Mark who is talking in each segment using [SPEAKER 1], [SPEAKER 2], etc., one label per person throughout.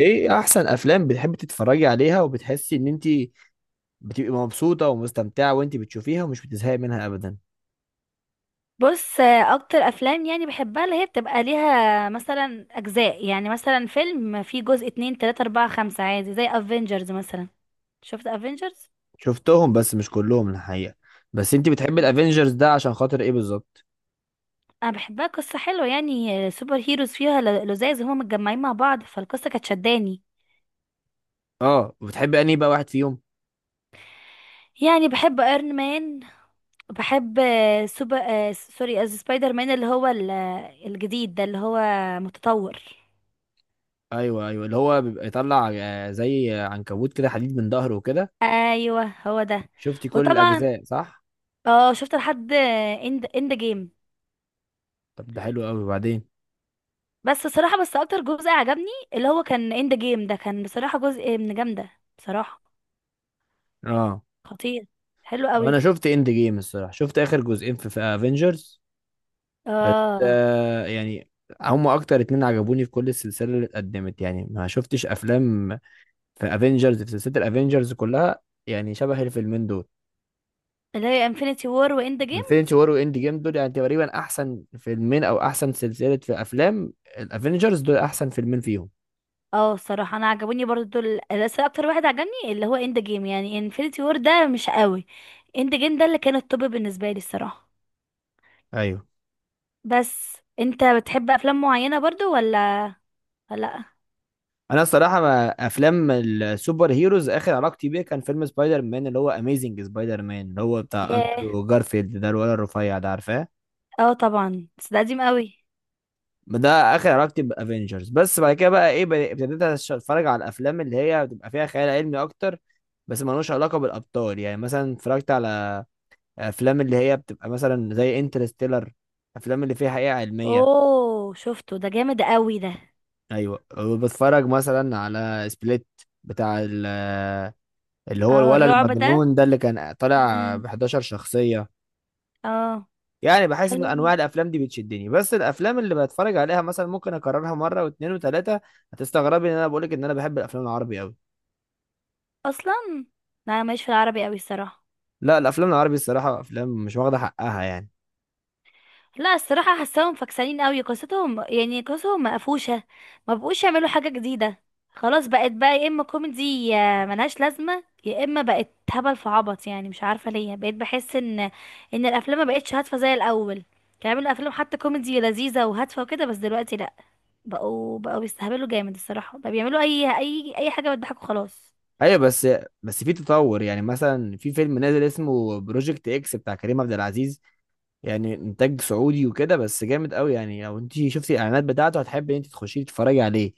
[SPEAKER 1] ايه احسن افلام بتحبي تتفرجي عليها وبتحسي ان انت بتبقي مبسوطه ومستمتعه وانت بتشوفيها ومش بتزهقي منها ابدا؟
[SPEAKER 2] بص، اكتر افلام يعني بحبها اللي هي بتبقى ليها مثلا اجزاء، يعني مثلا فيلم فيه جزء اتنين تلاتة اربعة خمسة عادي زي افنجرز مثلا. شفت افنجرز؟
[SPEAKER 1] شفتهم بس مش كلهم الحقيقه. بس انت بتحبي الافينجرز ده عشان خاطر ايه بالظبط؟
[SPEAKER 2] انا بحبها، قصة حلوة يعني. سوبر هيروز فيها لزاز، هما متجمعين مع بعض، فالقصة كانت شداني.
[SPEAKER 1] اه، وبتحبي انهي بقى واحد فيهم؟
[SPEAKER 2] يعني بحب ايرون مان. بحب آه، سوبر آه، سوري، سبايدر مان، اللي هو الجديد ده اللي هو متطور.
[SPEAKER 1] ايوه ايوه، اللي هو بيبقى يطلع زي عنكبوت كده حديد من ظهره وكده.
[SPEAKER 2] ايوه، هو ده.
[SPEAKER 1] شفتي كل
[SPEAKER 2] وطبعا.
[SPEAKER 1] الاجزاء صح؟
[SPEAKER 2] اه، شفت لحد اند جيم.
[SPEAKER 1] طب ده حلو قوي، وبعدين؟
[SPEAKER 2] بس صراحة، بس اكتر جزء عجبني اللي هو كان اند جيم، ده كان بصراحة جزء من جامدة، بصراحة.
[SPEAKER 1] اه،
[SPEAKER 2] خطير. حلو قوي.
[SPEAKER 1] انا شفت اند جيم الصراحه، شفت اخر جزئين في افنجرز بس.
[SPEAKER 2] اه.
[SPEAKER 1] يعني هم اكتر اتنين عجبوني في كل السلسله اللي اتقدمت، يعني ما شفتش افلام في افنجرز، في سلسله الافنجرز كلها، يعني شبه الفيلمين دول.
[SPEAKER 2] اللي هي انفينيتي وور واند جيم.
[SPEAKER 1] انفينيتي وور واند جيم، دول يعني تقريبا احسن فيلمين او احسن سلسله في افلام الافنجرز، دول احسن فيلمين فيهم.
[SPEAKER 2] اه، الصراحة انا عجبوني برضو دول، بس اكتر واحد عجبني اللي هو اند جيم. يعني انفينيتي وور ده مش قوي. اند جيم ده اللي كان التوب بالنسبة لي الصراحة.
[SPEAKER 1] ايوه.
[SPEAKER 2] بس انت بتحب افلام معينة برضو ولا؟ ولا لا.
[SPEAKER 1] انا الصراحه، ما افلام السوبر هيروز اخر علاقتي بيه كان فيلم سبايدر مان، اللي هو اميزنج سبايدر مان، اللي هو بتاع
[SPEAKER 2] ياه.
[SPEAKER 1] اندرو جارفيلد ده، الولد الرفيع ده، عارفاه؟
[SPEAKER 2] اه، طبعا، بس ده قديم قوي.
[SPEAKER 1] ده اخر علاقتي بافنجرز، بس بعد كده بقى ايه، ابتديت اتفرج على الافلام اللي هي بتبقى فيها خيال علمي اكتر، بس ملوش علاقه بالابطال. يعني مثلا اتفرجت على افلام اللي هي بتبقى مثلا زي انترستيلر، افلام اللي فيها حقيقه علميه.
[SPEAKER 2] اوه، شفته، ده جامد قوي ده.
[SPEAKER 1] ايوه، وبتفرج مثلا على سبليت، بتاع اللي هو
[SPEAKER 2] اه،
[SPEAKER 1] الولد
[SPEAKER 2] الرعب.
[SPEAKER 1] المجنون ده، اللي كان
[SPEAKER 2] ده.
[SPEAKER 1] طالع ب 11 شخصيه.
[SPEAKER 2] اه.
[SPEAKER 1] يعني بحس ان
[SPEAKER 2] حلو.
[SPEAKER 1] انواع الافلام دي بتشدني، بس الافلام اللي بتفرج عليها مثلا ممكن اكررها مره واثنين وثلاثه. هتستغربي ان انا بقولك ان انا بحب الافلام العربي قوي.
[SPEAKER 2] اصلا. انا ماليش في العربي قوي الصراحه.
[SPEAKER 1] لا، الافلام العربي الصراحه افلام مش واخده حقها يعني.
[SPEAKER 2] لا، الصراحه حاساهم فكسانين قوي، قصتهم يعني قصتهم مقفوشه. ما بقوش يعملوا حاجه جديده. خلاص، بقت بقى يا اما كوميدي يا ملهاش لازمه، يا اما بقت هبل في عبط. يعني مش عارفه ليه بقيت بحس ان الافلام ما بقتش هادفه زي الاول. كانوا بيعملوا افلام حتى كوميدي لذيذه وهادفه وكده، بس دلوقتي لا. بقوا بيستهبلوا جامد الصراحه، بقى بيعملوا اي حاجه بتضحكوا، خلاص.
[SPEAKER 1] ايوه بس، بس في تطور. يعني مثلا في فيلم نازل اسمه بروجكت اكس بتاع كريم عبد العزيز، يعني انتاج سعودي وكده، بس جامد قوي. يعني لو انت شفتي الاعلانات بتاعته هتحبي ان انت تخشي تتفرجي عليه.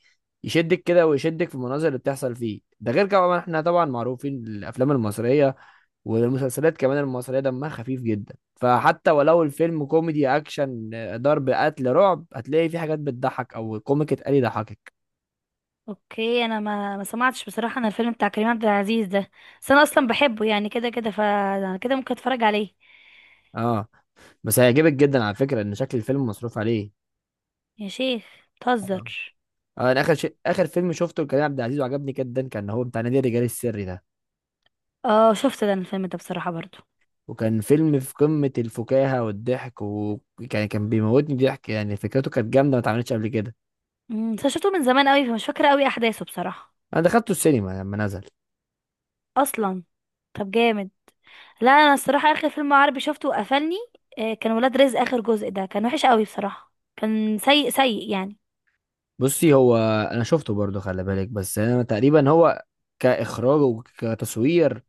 [SPEAKER 1] يشدك كده ويشدك في المناظر اللي بتحصل فيه، ده غير كمان احنا طبعا معروفين الافلام المصريه والمسلسلات كمان المصرية دمها خفيف جدا، فحتى ولو الفيلم كوميدي، أكشن، ضرب، قتل، رعب، هتلاقي فيه حاجات بتضحك أو كوميك اتقال يضحكك.
[SPEAKER 2] اوكي، انا ما سمعتش بصراحه عن الفيلم بتاع كريم عبد العزيز ده. بس انا اصلا بحبه، يعني كده كده فانا كده ممكن اتفرج عليه.
[SPEAKER 1] اه، بس هيعجبك جدا على فكرة، إن شكل الفيلم مصروف عليه.
[SPEAKER 2] يا شيخ.
[SPEAKER 1] اه.
[SPEAKER 2] بتهزر؟
[SPEAKER 1] أنا آخر شيء، آخر فيلم شفته لكريم عبد العزيز وعجبني جدا كان هو بتاع نادي الرجال السري ده.
[SPEAKER 2] اه، شفت ده الفيلم ده بصراحه برضو.
[SPEAKER 1] وكان فيلم في قمة الفكاهة والضحك، وكان بيموتني ضحك. يعني فكرته كانت جامدة، ما اتعملتش قبل كده.
[SPEAKER 2] بس أنا شفته من زمان قوي، فمش فاكره قوي احداثه بصراحه.
[SPEAKER 1] أنا دخلته السينما لما نزل.
[SPEAKER 2] اصلا. طب، جامد. لا، انا الصراحه اخر فيلم عربي شفته وقفلني. كان ولاد رزق، اخر جزء ده كان وحش قوي بصراحه، كان سيء سيء يعني.
[SPEAKER 1] بصي هو، انا شفته برضو، خلي بالك، بس انا تقريبا هو كاخراج وكتصوير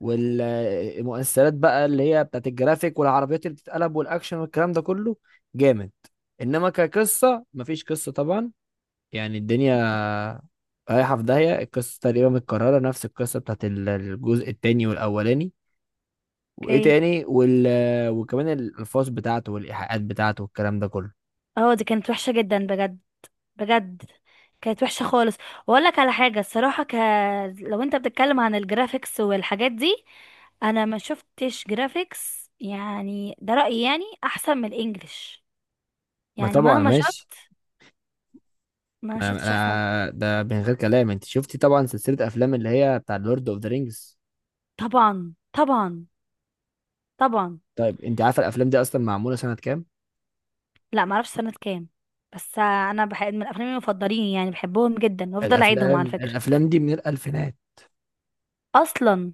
[SPEAKER 1] والمؤثرات بقى، اللي هي بتاعت الجرافيك والعربيات اللي بتتقلب والاكشن والكلام ده كله، جامد. انما كقصه، مفيش قصه طبعا. يعني الدنيا رايحه في داهيه، القصه تقريبا متكرره، نفس القصه بتاعت الجزء التاني والاولاني، وايه
[SPEAKER 2] اوكي.
[SPEAKER 1] تاني وكمان الالفاظ بتاعته والايحاءات بتاعته والكلام ده كله.
[SPEAKER 2] اه، دي كانت وحشة جدا بجد. بجد. كانت وحشة خالص. واقول لك على حاجة الصراحة لو انت بتتكلم عن الجرافيكس والحاجات دي، انا ما شفتش جرافيكس، يعني ده رأيي، يعني احسن من الانجليش.
[SPEAKER 1] ما
[SPEAKER 2] يعني
[SPEAKER 1] طبعا
[SPEAKER 2] مهما
[SPEAKER 1] ماشي.
[SPEAKER 2] شفت، ما شفتش احسن.
[SPEAKER 1] ده من غير كلام، انت شفتي طبعا سلسله افلام اللي هي بتاع لورد اوف ذا رينجز.
[SPEAKER 2] طبعا، طبعا. طبعا.
[SPEAKER 1] طيب انت عارفه الافلام دي اصلا معموله سنه كام؟
[SPEAKER 2] لا، ما اعرفش سنة كام. بس انا بحب من افلامي المفضلين، يعني بحبهم جدا وافضل اعيدهم
[SPEAKER 1] الافلام
[SPEAKER 2] على فكرة.
[SPEAKER 1] الافلام دي من الالفينات.
[SPEAKER 2] اصلا؟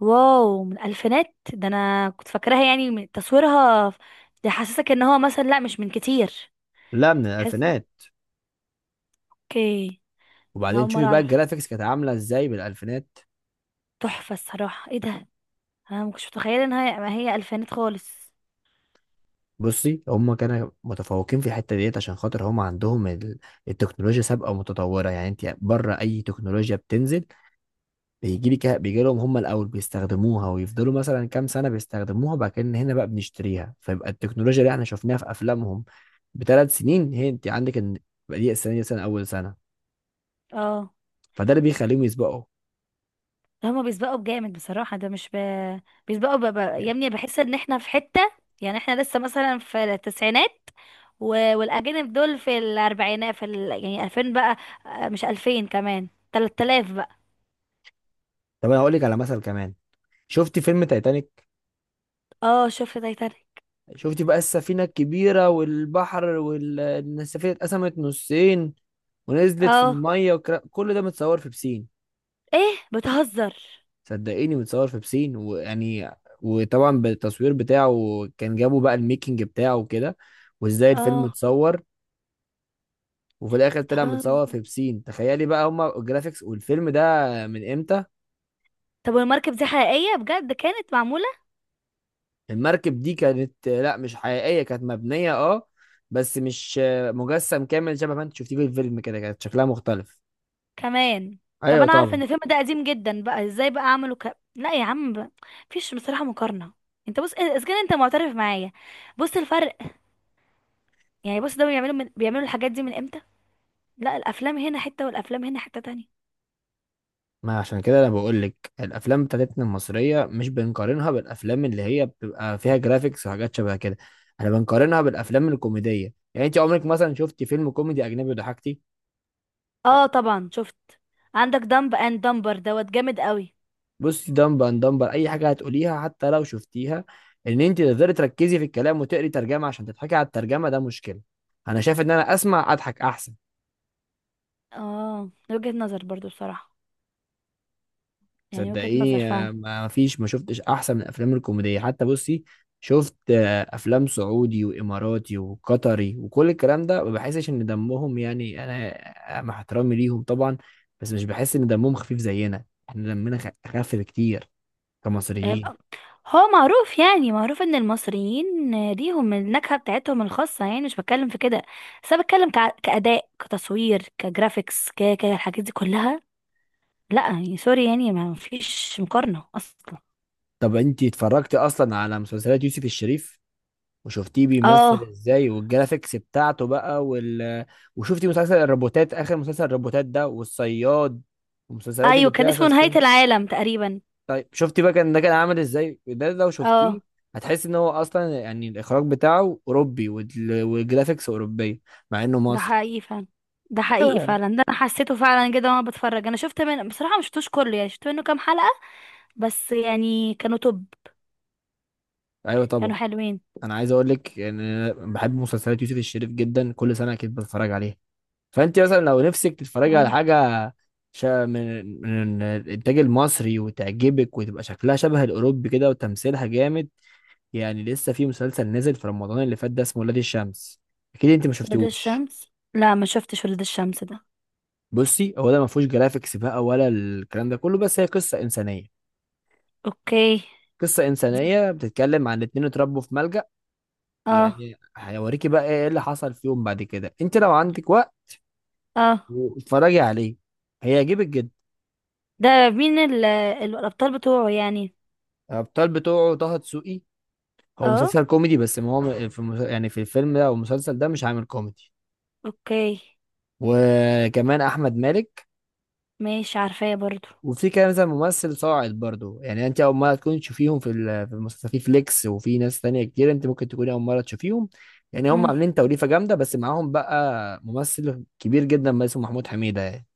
[SPEAKER 2] واو، من الفينات؟ ده انا كنت فاكراها يعني من تصويرها. ده حاسسك ان هو مثلا، لا، مش من كتير.
[SPEAKER 1] لا، من
[SPEAKER 2] حاسس.
[SPEAKER 1] الالفينات.
[SPEAKER 2] اوكي. أنا
[SPEAKER 1] وبعدين
[SPEAKER 2] اول
[SPEAKER 1] شوفي
[SPEAKER 2] مره
[SPEAKER 1] بقى
[SPEAKER 2] اعرف.
[SPEAKER 1] الجرافيكس كانت عامله ازاي بالالفينات.
[SPEAKER 2] تحفه الصراحه، ايه ده! انا ما كنتش متخيله ان هي ما هي الفينات خالص.
[SPEAKER 1] بصي، هم كانوا متفوقين في الحته ديت عشان خاطر هم عندهم التكنولوجيا سابقه ومتطوره. يعني انت بره اي تكنولوجيا بتنزل، بيجي لهم هم الاول، بيستخدموها ويفضلوا مثلا كام سنه بيستخدموها، بعد كده إن هنا بقى بنشتريها، فيبقى التكنولوجيا اللي احنا شفناها في افلامهم بثلاث سنين، هي انت عندك ان بقى دي السنه، دي سنه، اول سنه.
[SPEAKER 2] اه.
[SPEAKER 1] فده اللي بيخليهم يسبقوا
[SPEAKER 2] ده هما بيسبقوا بجامد بصراحه، ده مش بيسبقوا يا
[SPEAKER 1] يعني.
[SPEAKER 2] ابني، بحس ان احنا في حته. يعني احنا لسه مثلا في التسعينات، و... والاجانب دول في الاربعينات، يعني 2000 بقى. مش 2000 كمان، 3000 بقى.
[SPEAKER 1] طب انا هقول لك على مثل كمان. شفتي فيلم تايتانيك؟
[SPEAKER 2] اه، شفت تايتانيك.
[SPEAKER 1] شفتي بقى السفينه الكبيره والبحر، والسفينه اتقسمت نصين ونزلت في
[SPEAKER 2] اه.
[SPEAKER 1] الميه كل ده متصور في بسين.
[SPEAKER 2] ايه، بتهزر؟
[SPEAKER 1] صدقيني، متصور في بسين ويعني، وطبعا بالتصوير بتاعه كان جابوا بقى الميكنج بتاعه وكده، وازاي الفيلم
[SPEAKER 2] اه.
[SPEAKER 1] اتصور، وفي الاخر طلع
[SPEAKER 2] بتهزر؟
[SPEAKER 1] متصور في بسين. تخيلي بقى هما الجرافيكس والفيلم ده من امتى.
[SPEAKER 2] طب، والمركب دي حقيقية بجد كانت معمولة؟
[SPEAKER 1] المركب دي كانت، لا مش حقيقية، كانت مبنية اه، بس مش مجسم كامل شبه ما انت شفتيه في الفيلم، كده كانت شكلها مختلف.
[SPEAKER 2] كمان؟ طب،
[SPEAKER 1] ايوه
[SPEAKER 2] انا عارفة
[SPEAKER 1] طبعا.
[SPEAKER 2] ان الفيلم ده قديم جدا، بقى ازاي بقى اعمله؟ لا يا عم. مفيش بصراحة مقارنة. انت بص إيه، اذا كان انت معترف معايا. بص الفرق. يعني بص، ده بيعملوا بيعملوا الحاجات دي من امتى. لا، الافلام هنا حتة والافلام هنا حتة تانية.
[SPEAKER 1] ما عشان كده انا بقول لك الافلام بتاعتنا المصريه مش بنقارنها بالافلام اللي هي بتبقى فيها جرافيكس وحاجات شبه كده. احنا بنقارنها بالافلام الكوميديه. يعني انت عمرك مثلا شفتي فيلم كوميدي اجنبي ضحكتي؟
[SPEAKER 2] اه، طبعا شفت. عندك دمب اند دمبر، دوت جامد قوي.
[SPEAKER 1] بصي، دمبر اند دمبر اي حاجه هتقوليها، حتى لو شفتيها، ان انت تقدري تركزي في الكلام وتقري ترجمه عشان تضحكي على الترجمه، ده مشكله. انا شايف ان انا اسمع اضحك احسن.
[SPEAKER 2] اه، وجهة نظر برضو بصراحة. يعني وجهة نظر
[SPEAKER 1] صدقيني،
[SPEAKER 2] فعلا.
[SPEAKER 1] ما فيش، ما شفتش احسن من الافلام الكوميديه. حتى بصي، شفت افلام سعودي واماراتي وقطري وكل الكلام ده، ما بحسش ان دمهم، يعني انا مع احترامي ليهم طبعا، بس مش بحس ان دمهم خفيف زينا، احنا دمنا خف بكتير كمصريين.
[SPEAKER 2] هو معروف، يعني معروف ان المصريين ليهم النكهة بتاعتهم الخاصة، يعني مش بتكلم في كده. بس انا بتكلم كأداء كتصوير كجرافيكس الحاجات دي كلها. لا، يعني سوري، يعني ما فيش مقارنة اصلا.
[SPEAKER 1] طب انتي اتفرجتي اصلا على مسلسلات يوسف الشريف، وشفتيه بيمثل
[SPEAKER 2] اه.
[SPEAKER 1] ازاي والجرافيكس بتاعته بقى وشفتي مسلسل الروبوتات، اخر مسلسل الروبوتات ده، والصياد، والمسلسلات
[SPEAKER 2] ايوه،
[SPEAKER 1] اللي
[SPEAKER 2] كان
[SPEAKER 1] فيها
[SPEAKER 2] اسمه نهاية
[SPEAKER 1] سسبنس؟
[SPEAKER 2] العالم تقريبا.
[SPEAKER 1] طيب شفتي بقى، كان ده كان عامل ازاي ده لو شفتيه؟
[SPEAKER 2] اه.
[SPEAKER 1] هتحس ان هو اصلا يعني الاخراج بتاعه اوروبي والجرافيكس اوروبيه، مع انه
[SPEAKER 2] ده
[SPEAKER 1] مصر.
[SPEAKER 2] حقيقي فعلا. ده حقيقي
[SPEAKER 1] ايوه.
[SPEAKER 2] فعلا، ده انا حسيته فعلا كده وانا بتفرج. انا شفت منه بصراحة، ما شفتوش كله يعني، شفت منه كام حلقة. بس يعني كانوا توب.
[SPEAKER 1] ايوه طبعا.
[SPEAKER 2] كانوا حلوين.
[SPEAKER 1] انا عايز اقول لك ان انا بحب مسلسلات يوسف الشريف جدا، كل سنه اكيد بتفرج عليها. فانت مثلا لو نفسك تتفرجي على
[SPEAKER 2] اه.
[SPEAKER 1] حاجه شا من الانتاج المصري وتعجبك وتبقى شكلها شبه الاوروبي كده وتمثيلها جامد، يعني لسه في مسلسل نزل في رمضان اللي فات ده، اسمه ولاد الشمس، اكيد انت ما
[SPEAKER 2] ولاد
[SPEAKER 1] شفتيهوش.
[SPEAKER 2] الشمس؟ لا، ما شفتش ولاد الشمس ده.
[SPEAKER 1] بصي هو ده ما فيهوش جرافيكس بقى ولا الكلام ده كله، بس هي قصه انسانيه.
[SPEAKER 2] اوكي.
[SPEAKER 1] قصه انسانيه بتتكلم عن اتنين اتربوا في ملجأ،
[SPEAKER 2] اه.
[SPEAKER 1] ويعني هيوريكي بقى ايه اللي حصل فيهم بعد كده. انت لو عندك وقت
[SPEAKER 2] اه.
[SPEAKER 1] واتفرجي عليه، هيعجبك جدا.
[SPEAKER 2] ده مين الابطال بتوعه يعني؟
[SPEAKER 1] الابطال بتوعه طه دسوقي. هو
[SPEAKER 2] اه.
[SPEAKER 1] مسلسل كوميدي، بس ما هو في يعني في الفيلم ده او المسلسل ده مش عامل كوميدي.
[SPEAKER 2] اوكي،
[SPEAKER 1] وكمان احمد مالك.
[SPEAKER 2] ماشي، عارفاه برضو.
[SPEAKER 1] وفي كده مثلا ممثل صاعد برضو، يعني انت اول مره تكون تشوفيهم في في المسلسل، في فليكس وفي ناس تانية كتير انت ممكن تكوني اول مره تشوفيهم. يعني هم
[SPEAKER 2] مم.
[SPEAKER 1] عاملين توليفه جامده، بس معاهم بقى ممثل كبير جدا بس اسمه محمود حميده يعني.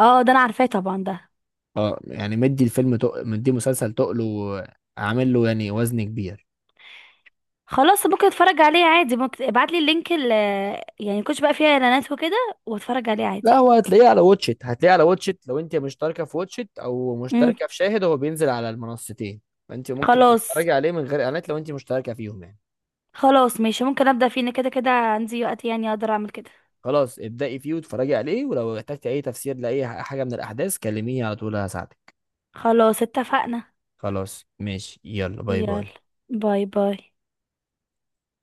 [SPEAKER 2] اه، ده انا عارفاه طبعا ده.
[SPEAKER 1] اه، يعني مدي الفيلم مدي مسلسل تقله وعامل له يعني وزن كبير.
[SPEAKER 2] خلاص، ممكن اتفرج عليه عادي، ممكن ابعت لي اللينك. يعني كنتش بقى فيها اعلانات وكده، واتفرج عليه عادي.
[SPEAKER 1] لا، هو هتلاقيه على واتشت، هتلاقيه على واتشت لو انت مشتركه في واتشت او
[SPEAKER 2] مم.
[SPEAKER 1] مشتركه في شاهد، هو بينزل على المنصتين. فانت ممكن
[SPEAKER 2] خلاص.
[SPEAKER 1] تتفرجي عليه من غير اعلانات لو انت مشتركه فيهم يعني.
[SPEAKER 2] خلاص ماشي، ممكن ابدا فيه، إن كده كده عندي وقت، يعني اقدر اعمل كده.
[SPEAKER 1] خلاص ابدأي فيه واتفرجي عليه، ولو احتجتي اي تفسير لاي حاجة من الاحداث كلميني على طول هساعدك.
[SPEAKER 2] خلاص، اتفقنا.
[SPEAKER 1] خلاص ماشي، يلا باي
[SPEAKER 2] يلا،
[SPEAKER 1] باي.
[SPEAKER 2] باي باي.